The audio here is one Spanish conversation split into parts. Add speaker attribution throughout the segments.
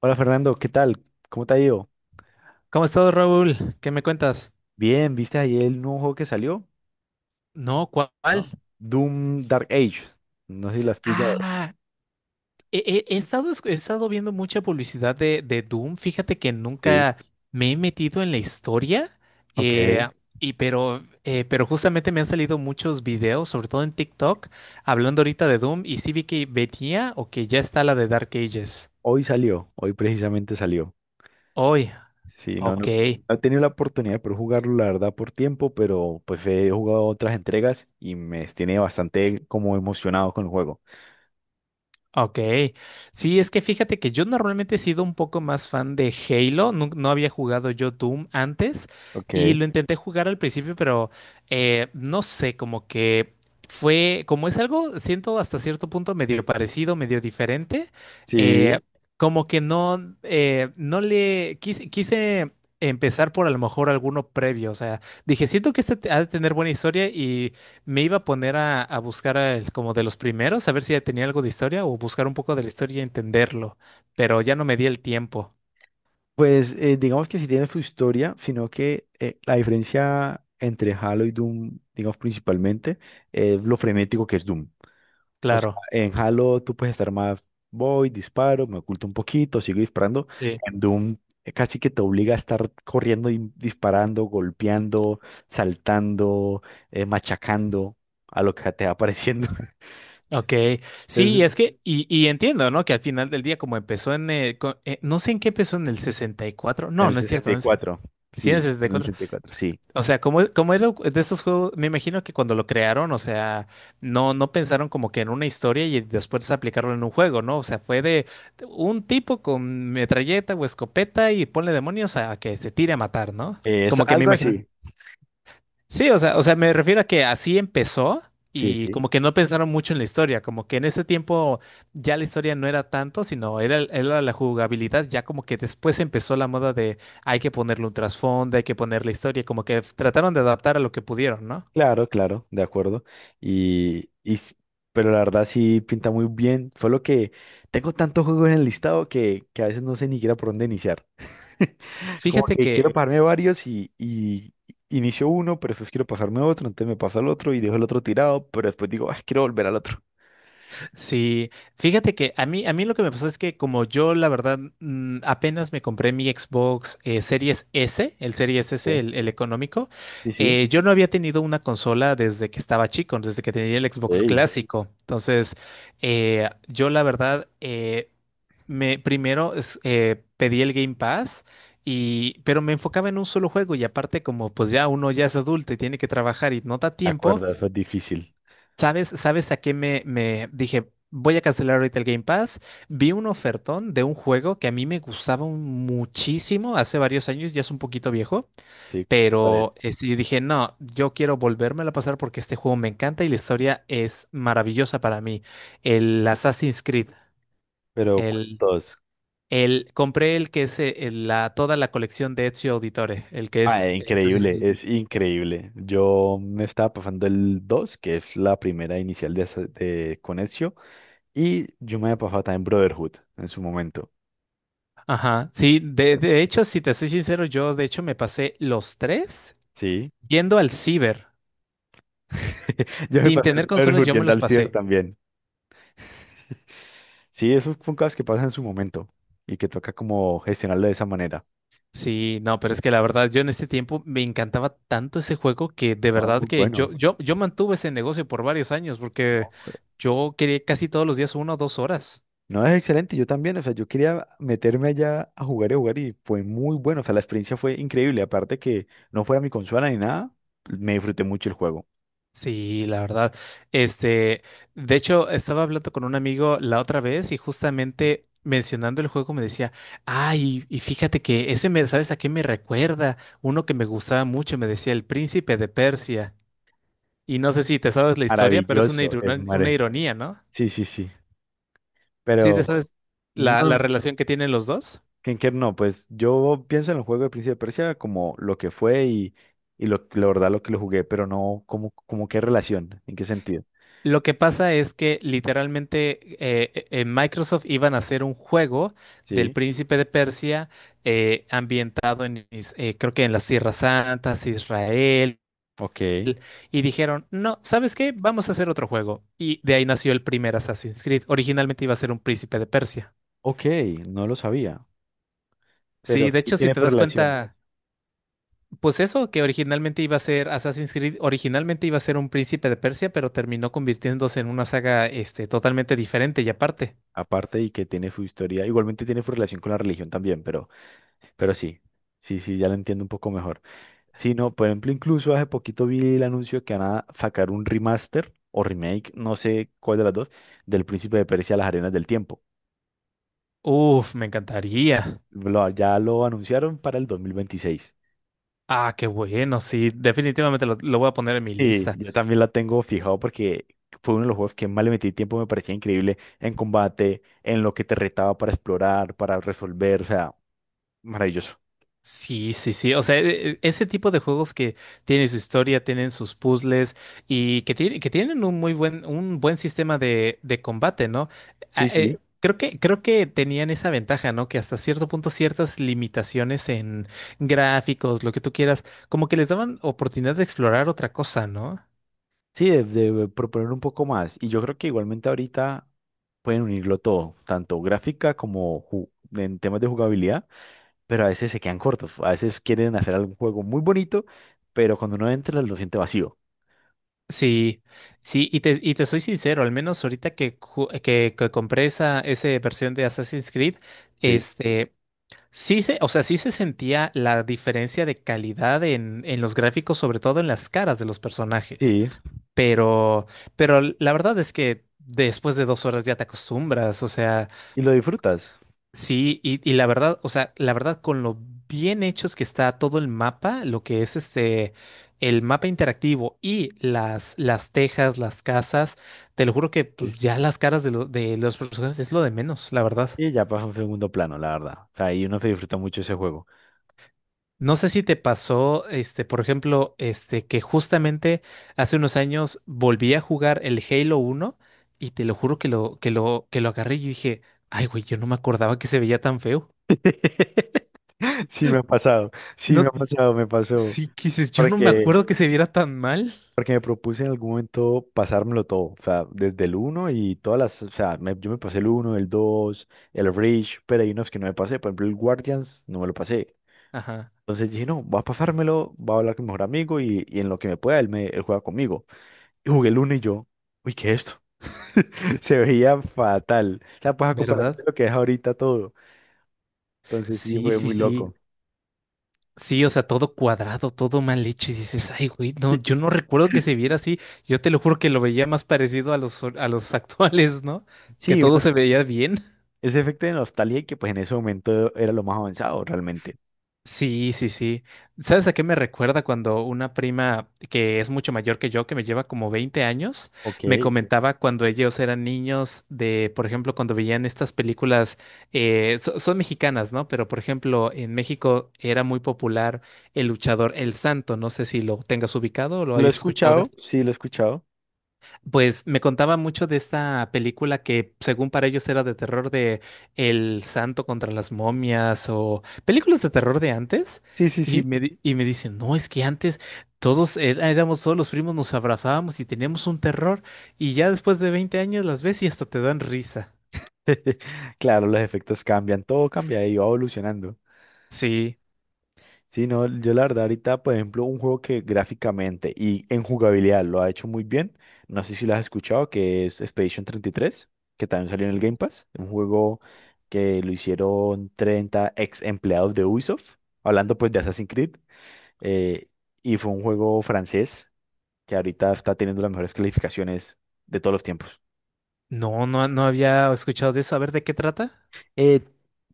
Speaker 1: Hola Fernando, ¿qué tal? ¿Cómo te ha ido?
Speaker 2: ¿Cómo estás, Raúl? ¿Qué me cuentas?
Speaker 1: Bien, ¿viste ayer el nuevo juego que salió?
Speaker 2: No, ¿cuál?
Speaker 1: ¿No? Doom Dark Age. No sé si lo has pillado.
Speaker 2: Ah, he estado, he estado viendo mucha publicidad de, Doom. Fíjate que
Speaker 1: Sí.
Speaker 2: nunca me he metido en la historia.
Speaker 1: Ok.
Speaker 2: eh, y pero justamente me han salido muchos videos, sobre todo en TikTok, hablando ahorita de Doom. Y sí vi que venía o que ya está la de Dark Ages.
Speaker 1: Hoy salió, hoy precisamente salió.
Speaker 2: Hoy,
Speaker 1: Sí, no,
Speaker 2: ok.
Speaker 1: no, no he tenido la oportunidad de poder jugarlo, la verdad, por tiempo, pero pues he jugado otras entregas y me tiene bastante como emocionado con el juego.
Speaker 2: Ok, sí, es que fíjate que yo normalmente he sido un poco más fan de Halo, no había jugado yo Doom antes y
Speaker 1: Ok.
Speaker 2: lo intenté jugar al principio, pero no sé, como que fue, como es algo, siento hasta cierto punto medio parecido, medio diferente, eh,
Speaker 1: Sí.
Speaker 2: como que no, no le quise, quise empezar por a lo mejor alguno previo, o sea, dije, siento que este ha de tener buena historia. Me iba a poner a, buscar a como de los primeros, a ver si tenía algo de historia o buscar un poco de la historia y entenderlo, pero ya no me di el tiempo,
Speaker 1: Pues digamos que sí tiene su historia, sino que la diferencia entre Halo y Doom, digamos principalmente, es lo frenético que es Doom. O sea,
Speaker 2: claro.
Speaker 1: en Halo tú puedes estar más, voy, disparo, me oculto un poquito, sigo disparando.
Speaker 2: Sí.
Speaker 1: En Doom casi que te obliga a estar corriendo y disparando, golpeando, saltando, machacando a lo que te va apareciendo.
Speaker 2: Ok, sí,
Speaker 1: Entonces,
Speaker 2: es que, y entiendo, ¿no? Que al final del día, como empezó en, no sé en qué, empezó en el 64,
Speaker 1: en
Speaker 2: no,
Speaker 1: el
Speaker 2: no es
Speaker 1: sesenta
Speaker 2: cierto,
Speaker 1: y
Speaker 2: no es,
Speaker 1: cuatro
Speaker 2: sí, en el
Speaker 1: sí, en el
Speaker 2: 64.
Speaker 1: 64 sí.
Speaker 2: O sea, como era de estos juegos. Me imagino que cuando lo crearon, o sea, no, no pensaron como que en una historia y después aplicarlo en un juego, ¿no? O sea, fue de un tipo con metralleta o escopeta y ponle demonios a, que se tire a matar, ¿no?
Speaker 1: Es
Speaker 2: Como que me
Speaker 1: algo
Speaker 2: imagino.
Speaker 1: así.
Speaker 2: Sí, o sea, me refiero a que así empezó
Speaker 1: Sí,
Speaker 2: y
Speaker 1: sí.
Speaker 2: como que no pensaron mucho en la historia, como que en ese tiempo ya la historia no era tanto, sino era, era la jugabilidad, ya como que después empezó la moda de hay que ponerle un trasfondo, hay que poner la historia, como que trataron de adaptar a lo que pudieron, ¿no?
Speaker 1: Claro, claro, de acuerdo. Y, y s- pero la verdad sí pinta muy bien. Fue lo que tengo tantos juegos en el listado que a veces no sé ni siquiera por dónde iniciar. Como
Speaker 2: Fíjate
Speaker 1: que
Speaker 2: que
Speaker 1: quiero pasarme varios y inicio uno, pero después quiero pasarme otro, entonces me paso al otro y dejo el otro tirado, pero después digo, ah, quiero volver al otro.
Speaker 2: sí, fíjate que a mí, lo que me pasó es que como yo, la verdad, apenas me compré mi Xbox Series S, el Series S,
Speaker 1: Sí,
Speaker 2: el económico,
Speaker 1: sí, sí.
Speaker 2: yo no había tenido una consola desde que estaba chico, desde que tenía el Xbox
Speaker 1: Ey,
Speaker 2: clásico. Entonces, yo la verdad, me primero pedí el Game Pass y pero me enfocaba en un solo juego y aparte como pues ya uno ya es adulto y tiene que trabajar y no da
Speaker 1: me
Speaker 2: tiempo.
Speaker 1: acuerdo, eso es difícil.
Speaker 2: ¿Sabes a qué me dije? Voy a cancelar ahorita el Game Pass. Vi un ofertón de un juego que a mí me gustaba muchísimo hace varios años, ya es un poquito viejo,
Speaker 1: Sí,
Speaker 2: pero
Speaker 1: parece.
Speaker 2: sí dije, no, yo quiero volvérmelo a pasar porque este juego me encanta y la historia es maravillosa para mí. El Assassin's Creed,
Speaker 1: Pero
Speaker 2: el,
Speaker 1: ¿cuántos?
Speaker 2: el compré el que es toda la colección de Ezio Auditore, el que
Speaker 1: Ah,
Speaker 2: es Assassin's
Speaker 1: increíble,
Speaker 2: Creed.
Speaker 1: es increíble. Yo me estaba pasando el 2 que es la primera inicial de, de Conexio, y yo me había pasado también Brotherhood en su momento.
Speaker 2: Ajá, sí, de hecho, si te soy sincero, yo de hecho me pasé los tres.
Speaker 1: Sí.
Speaker 2: Yendo al ciber,
Speaker 1: Yo me
Speaker 2: sin
Speaker 1: pasé el
Speaker 2: tener consolas,
Speaker 1: Brotherhood
Speaker 2: yo me
Speaker 1: yendo
Speaker 2: los
Speaker 1: al ciber
Speaker 2: pasé.
Speaker 1: también. Sí, esos son cosas que pasan en su momento y que toca como gestionarlo de esa manera.
Speaker 2: Sí, no, pero es que la verdad, yo en este tiempo me encantaba tanto ese juego que de
Speaker 1: Ah,
Speaker 2: verdad
Speaker 1: muy
Speaker 2: que
Speaker 1: bueno.
Speaker 2: yo mantuve ese negocio por varios años
Speaker 1: No,
Speaker 2: porque yo quería casi todos los días una o dos horas.
Speaker 1: no, es excelente, yo también, o sea, yo quería meterme allá a jugar y fue muy bueno, o sea, la experiencia fue increíble, aparte que no fuera mi consola ni nada, me disfruté mucho el juego.
Speaker 2: Sí, la verdad. Este, de hecho, estaba hablando con un amigo la otra vez y justamente mencionando el juego me decía, ay, y fíjate que ese me, ¿sabes a qué me recuerda? Uno que me gustaba mucho, me decía El Príncipe de Persia. Y no sé si te sabes la historia, pero es una,
Speaker 1: Maravilloso, es
Speaker 2: una
Speaker 1: mare.
Speaker 2: ironía, ¿no?
Speaker 1: Sí, sí, sí,
Speaker 2: Sí,
Speaker 1: pero
Speaker 2: te sabes la,
Speaker 1: no,
Speaker 2: la relación que tienen los dos.
Speaker 1: Kenker no, pues yo pienso en el juego de Príncipe de Persia como lo que fue y lo, la verdad lo que lo jugué, pero no como, como qué relación, en qué sentido.
Speaker 2: Lo que pasa es que literalmente en Microsoft iban a hacer un juego del
Speaker 1: Sí.
Speaker 2: Príncipe de Persia ambientado en, creo que en las Tierras Santas, Israel,
Speaker 1: Ok,
Speaker 2: y dijeron, no, ¿sabes qué? Vamos a hacer otro juego. Y de ahí nació el primer Assassin's Creed. Originalmente iba a ser un Príncipe de Persia.
Speaker 1: ok, no lo sabía, pero
Speaker 2: Sí, de
Speaker 1: sí
Speaker 2: hecho, si
Speaker 1: tiene
Speaker 2: te
Speaker 1: su
Speaker 2: das
Speaker 1: relación,
Speaker 2: cuenta... Pues eso, que originalmente iba a ser Assassin's Creed, originalmente iba a ser un Príncipe de Persia, pero terminó convirtiéndose en una saga, este, totalmente diferente y aparte.
Speaker 1: aparte y que tiene su historia, igualmente tiene su relación con la religión también, pero sí, sí, sí, ya lo entiendo un poco mejor. Sí, no, por ejemplo, incluso hace poquito vi el anuncio que van a sacar un remaster o remake, no sé cuál de las dos, del Príncipe de Persia, Las Arenas del Tiempo.
Speaker 2: Uf, me encantaría.
Speaker 1: Ya lo anunciaron para el 2026.
Speaker 2: Ah, qué bueno, sí, definitivamente lo voy a poner en mi
Speaker 1: Sí,
Speaker 2: lista.
Speaker 1: yo también la tengo fijado porque fue uno de los juegos que más le metí tiempo, me parecía increíble en combate, en lo que te retaba para explorar, para resolver, o sea, maravilloso.
Speaker 2: Sí, sí, sí. O sea, ese tipo de juegos que tienen su historia, tienen sus puzzles y que, que tienen un muy buen, un buen sistema de, combate, ¿no?
Speaker 1: Sí, sí.
Speaker 2: Creo que, tenían esa ventaja, ¿no? Que hasta cierto punto ciertas limitaciones en gráficos, lo que tú quieras, como que les daban oportunidad de explorar otra cosa, ¿no?
Speaker 1: Sí, de proponer un poco más. Y yo creo que igualmente ahorita pueden unirlo todo, tanto gráfica como en temas de jugabilidad, pero a veces se quedan cortos. A veces quieren hacer algún juego muy bonito, pero cuando uno entra lo siente vacío.
Speaker 2: Sí, sí, y te soy sincero, al menos ahorita que, que compré esa versión de Assassin's Creed.
Speaker 1: Sí.
Speaker 2: Este, sí se, o sea, sí se sentía la diferencia de calidad en, los gráficos, sobre todo en las caras de los personajes.
Speaker 1: Sí,
Speaker 2: Pero, pero la verdad es que después de 2 horas ya te acostumbras. O sea,
Speaker 1: y lo disfrutas.
Speaker 2: sí, y la verdad, o sea, la verdad, con lo bien hechos que está todo el mapa, lo que es este, el mapa interactivo y las tejas, las casas, te lo juro que pues, ya las caras de, de los personajes es lo de menos, la verdad.
Speaker 1: Y ya pasó a un segundo plano, la verdad. O sea, ahí uno se disfruta mucho ese juego.
Speaker 2: No sé si te pasó, este, por ejemplo, este, que justamente hace unos años volví a jugar el Halo uno y te lo juro que lo agarré y dije, ay, güey, yo no me acordaba que se veía tan feo.
Speaker 1: Sí me ha pasado, sí me ha
Speaker 2: No,
Speaker 1: pasado, me pasó.
Speaker 2: sí, que dices, yo no me
Speaker 1: Porque,
Speaker 2: acuerdo que se viera tan mal.
Speaker 1: porque me propuse en algún momento pasármelo todo. O sea, desde el uno y todas las. O sea, yo me pasé el uno el 2 el Reach, pero hay unos que no me pasé. Por ejemplo, el Guardians no me lo pasé.
Speaker 2: Ajá,
Speaker 1: Entonces dije, no, voy a pasármelo, voy a hablar con mi mejor amigo y en lo que me pueda, él, me, él juega conmigo. Y jugué el uno y yo, uy, ¿qué es esto? Se veía fatal. O sea, pues a comparación de
Speaker 2: ¿verdad?
Speaker 1: lo que es ahorita todo. Entonces sí
Speaker 2: Sí,
Speaker 1: fue
Speaker 2: sí,
Speaker 1: muy
Speaker 2: sí.
Speaker 1: loco.
Speaker 2: Sí, o sea, todo cuadrado, todo mal hecho. Y dices, ay, güey, no, yo no recuerdo que se viera así. Yo te lo juro que lo veía más parecido a los actuales, ¿no? Que
Speaker 1: Sí,
Speaker 2: todo se veía bien.
Speaker 1: ese efecto de nostalgia y que pues en ese momento era lo más avanzado realmente.
Speaker 2: Sí, sí, sí. ¿Sabes a qué me recuerda cuando una prima que es mucho mayor que yo, que me lleva como 20 años,
Speaker 1: Ok.
Speaker 2: me comentaba cuando ellos eran niños de, por ejemplo, cuando veían estas películas, son mexicanas, ¿no? Pero, por ejemplo, en México era muy popular el luchador El Santo. No sé si lo tengas ubicado o lo
Speaker 1: Lo he
Speaker 2: hayas escuchado de...
Speaker 1: escuchado, sí, lo he escuchado.
Speaker 2: Pues me contaba mucho de esta película que según para ellos era de terror, de El Santo contra las momias, o películas de terror de antes.
Speaker 1: Sí, sí,
Speaker 2: Y
Speaker 1: sí.
Speaker 2: me, me dicen, no, es que antes todos éramos todos los primos, nos abrazábamos y teníamos un terror. Y ya después de 20 años las ves y hasta te dan risa.
Speaker 1: Claro, los efectos cambian, todo cambia y va evolucionando.
Speaker 2: Sí,
Speaker 1: Sí, no, yo la verdad ahorita, por ejemplo, un juego que gráficamente y en jugabilidad lo ha hecho muy bien, no sé si lo has escuchado, que es Expedition 33, que también salió en el Game Pass, un juego que lo hicieron 30 ex empleados de Ubisoft, hablando pues de Assassin's Creed. Eh, y fue un juego francés que ahorita está teniendo las mejores calificaciones de todos los tiempos.
Speaker 2: no, no había escuchado de eso. A ver, ¿de qué trata?
Speaker 1: Eh,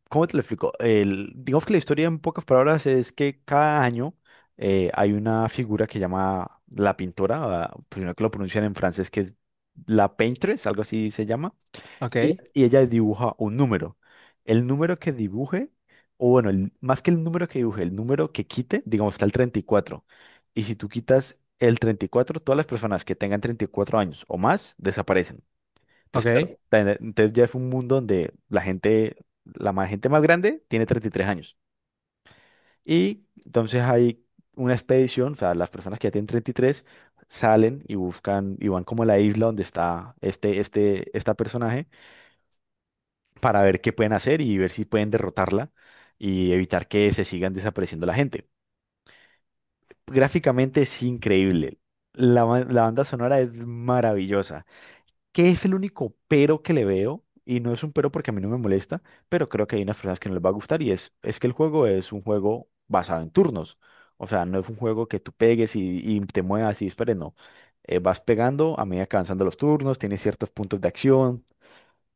Speaker 1: ¿Cómo te lo explico? Digamos que la historia en pocas palabras es que cada año hay una figura que llama la pintora, ah, primero que lo pronuncian en francés, que es la Paintress, algo así se llama.
Speaker 2: Ok,
Speaker 1: Y ella dibuja un número. El número que dibuje, o bueno, más que el número que dibuje, el número que quite, digamos, está el 34, y si tú quitas el 34, todas las personas que tengan 34 años o más desaparecen. Entonces,
Speaker 2: ok.
Speaker 1: claro, entonces ya es un mundo donde la gente, gente más grande tiene 33 años. Y entonces hay una expedición, o sea, las personas que ya tienen 33 salen y buscan y van como a la isla donde está esta personaje para ver qué pueden hacer y ver si pueden derrotarla y evitar que se sigan desapareciendo la gente. Gráficamente es increíble. La banda sonora es maravillosa. ¿Qué es el único pero que le veo? Y no es un pero porque a mí no me molesta, pero creo que hay unas personas que no les va a gustar y es que el juego es un juego basado en turnos. O sea, no es un juego que tú pegues y te muevas y dispares, no. Vas pegando a medida que avanzando los turnos, tienes ciertos puntos de acción,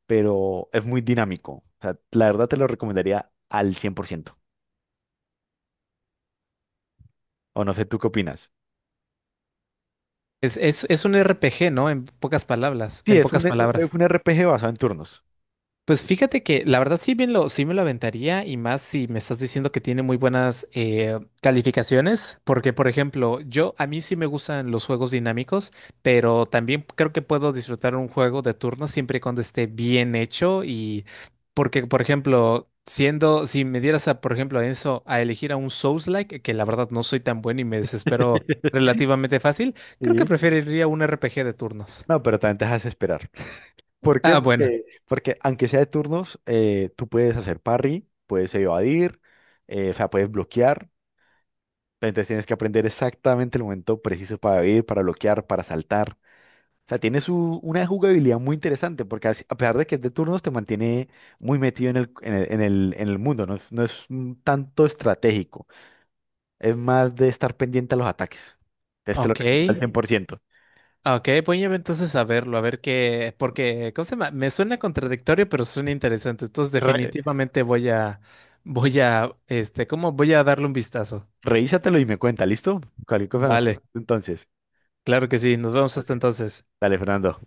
Speaker 1: pero es muy dinámico. O sea, la verdad te lo recomendaría al 100%. O no sé, ¿tú qué opinas?
Speaker 2: Es un RPG, ¿no? En pocas palabras,
Speaker 1: Sí, es un, es un RPG basado en turnos.
Speaker 2: pues fíjate que la verdad sí, sí me lo aventaría y más si me estás diciendo que tiene muy buenas calificaciones, porque por ejemplo, yo a mí sí me gustan los juegos dinámicos, pero también creo que puedo disfrutar un juego de turno siempre y cuando esté bien hecho. Y porque por ejemplo, si me dieras a por ejemplo a eso, a elegir a un Souls-like, que la verdad no soy tan bueno y me desespero relativamente fácil, creo que
Speaker 1: Sí.
Speaker 2: preferiría un RPG de turnos.
Speaker 1: No, pero también te dejas esperar. ¿Por qué?
Speaker 2: Ah, bueno,
Speaker 1: Porque, porque aunque sea de turnos, tú puedes hacer parry, puedes evadir, o sea, puedes bloquear. Entonces tienes que aprender exactamente el momento preciso para evadir, para bloquear, para saltar. O sea, tiene su, una jugabilidad muy interesante, porque a pesar de que es de turnos, te mantiene muy metido en el mundo, no es, no es un tanto estratégico, es más de estar pendiente a los ataques. Entonces te lo
Speaker 2: ok.
Speaker 1: recomiendo al 100%.
Speaker 2: Ah, ok, voy a entonces a verlo, a ver qué, porque, ¿cómo se llama? Me suena contradictorio, pero suena interesante. Entonces,
Speaker 1: Re-
Speaker 2: definitivamente voy a, este, ¿cómo? Voy a darle un vistazo.
Speaker 1: Revísatelo y me cuenta, ¿listo? Cualquier cosa
Speaker 2: Vale,
Speaker 1: Entonces,
Speaker 2: claro que sí. Nos vemos hasta entonces.
Speaker 1: dale, Fernando.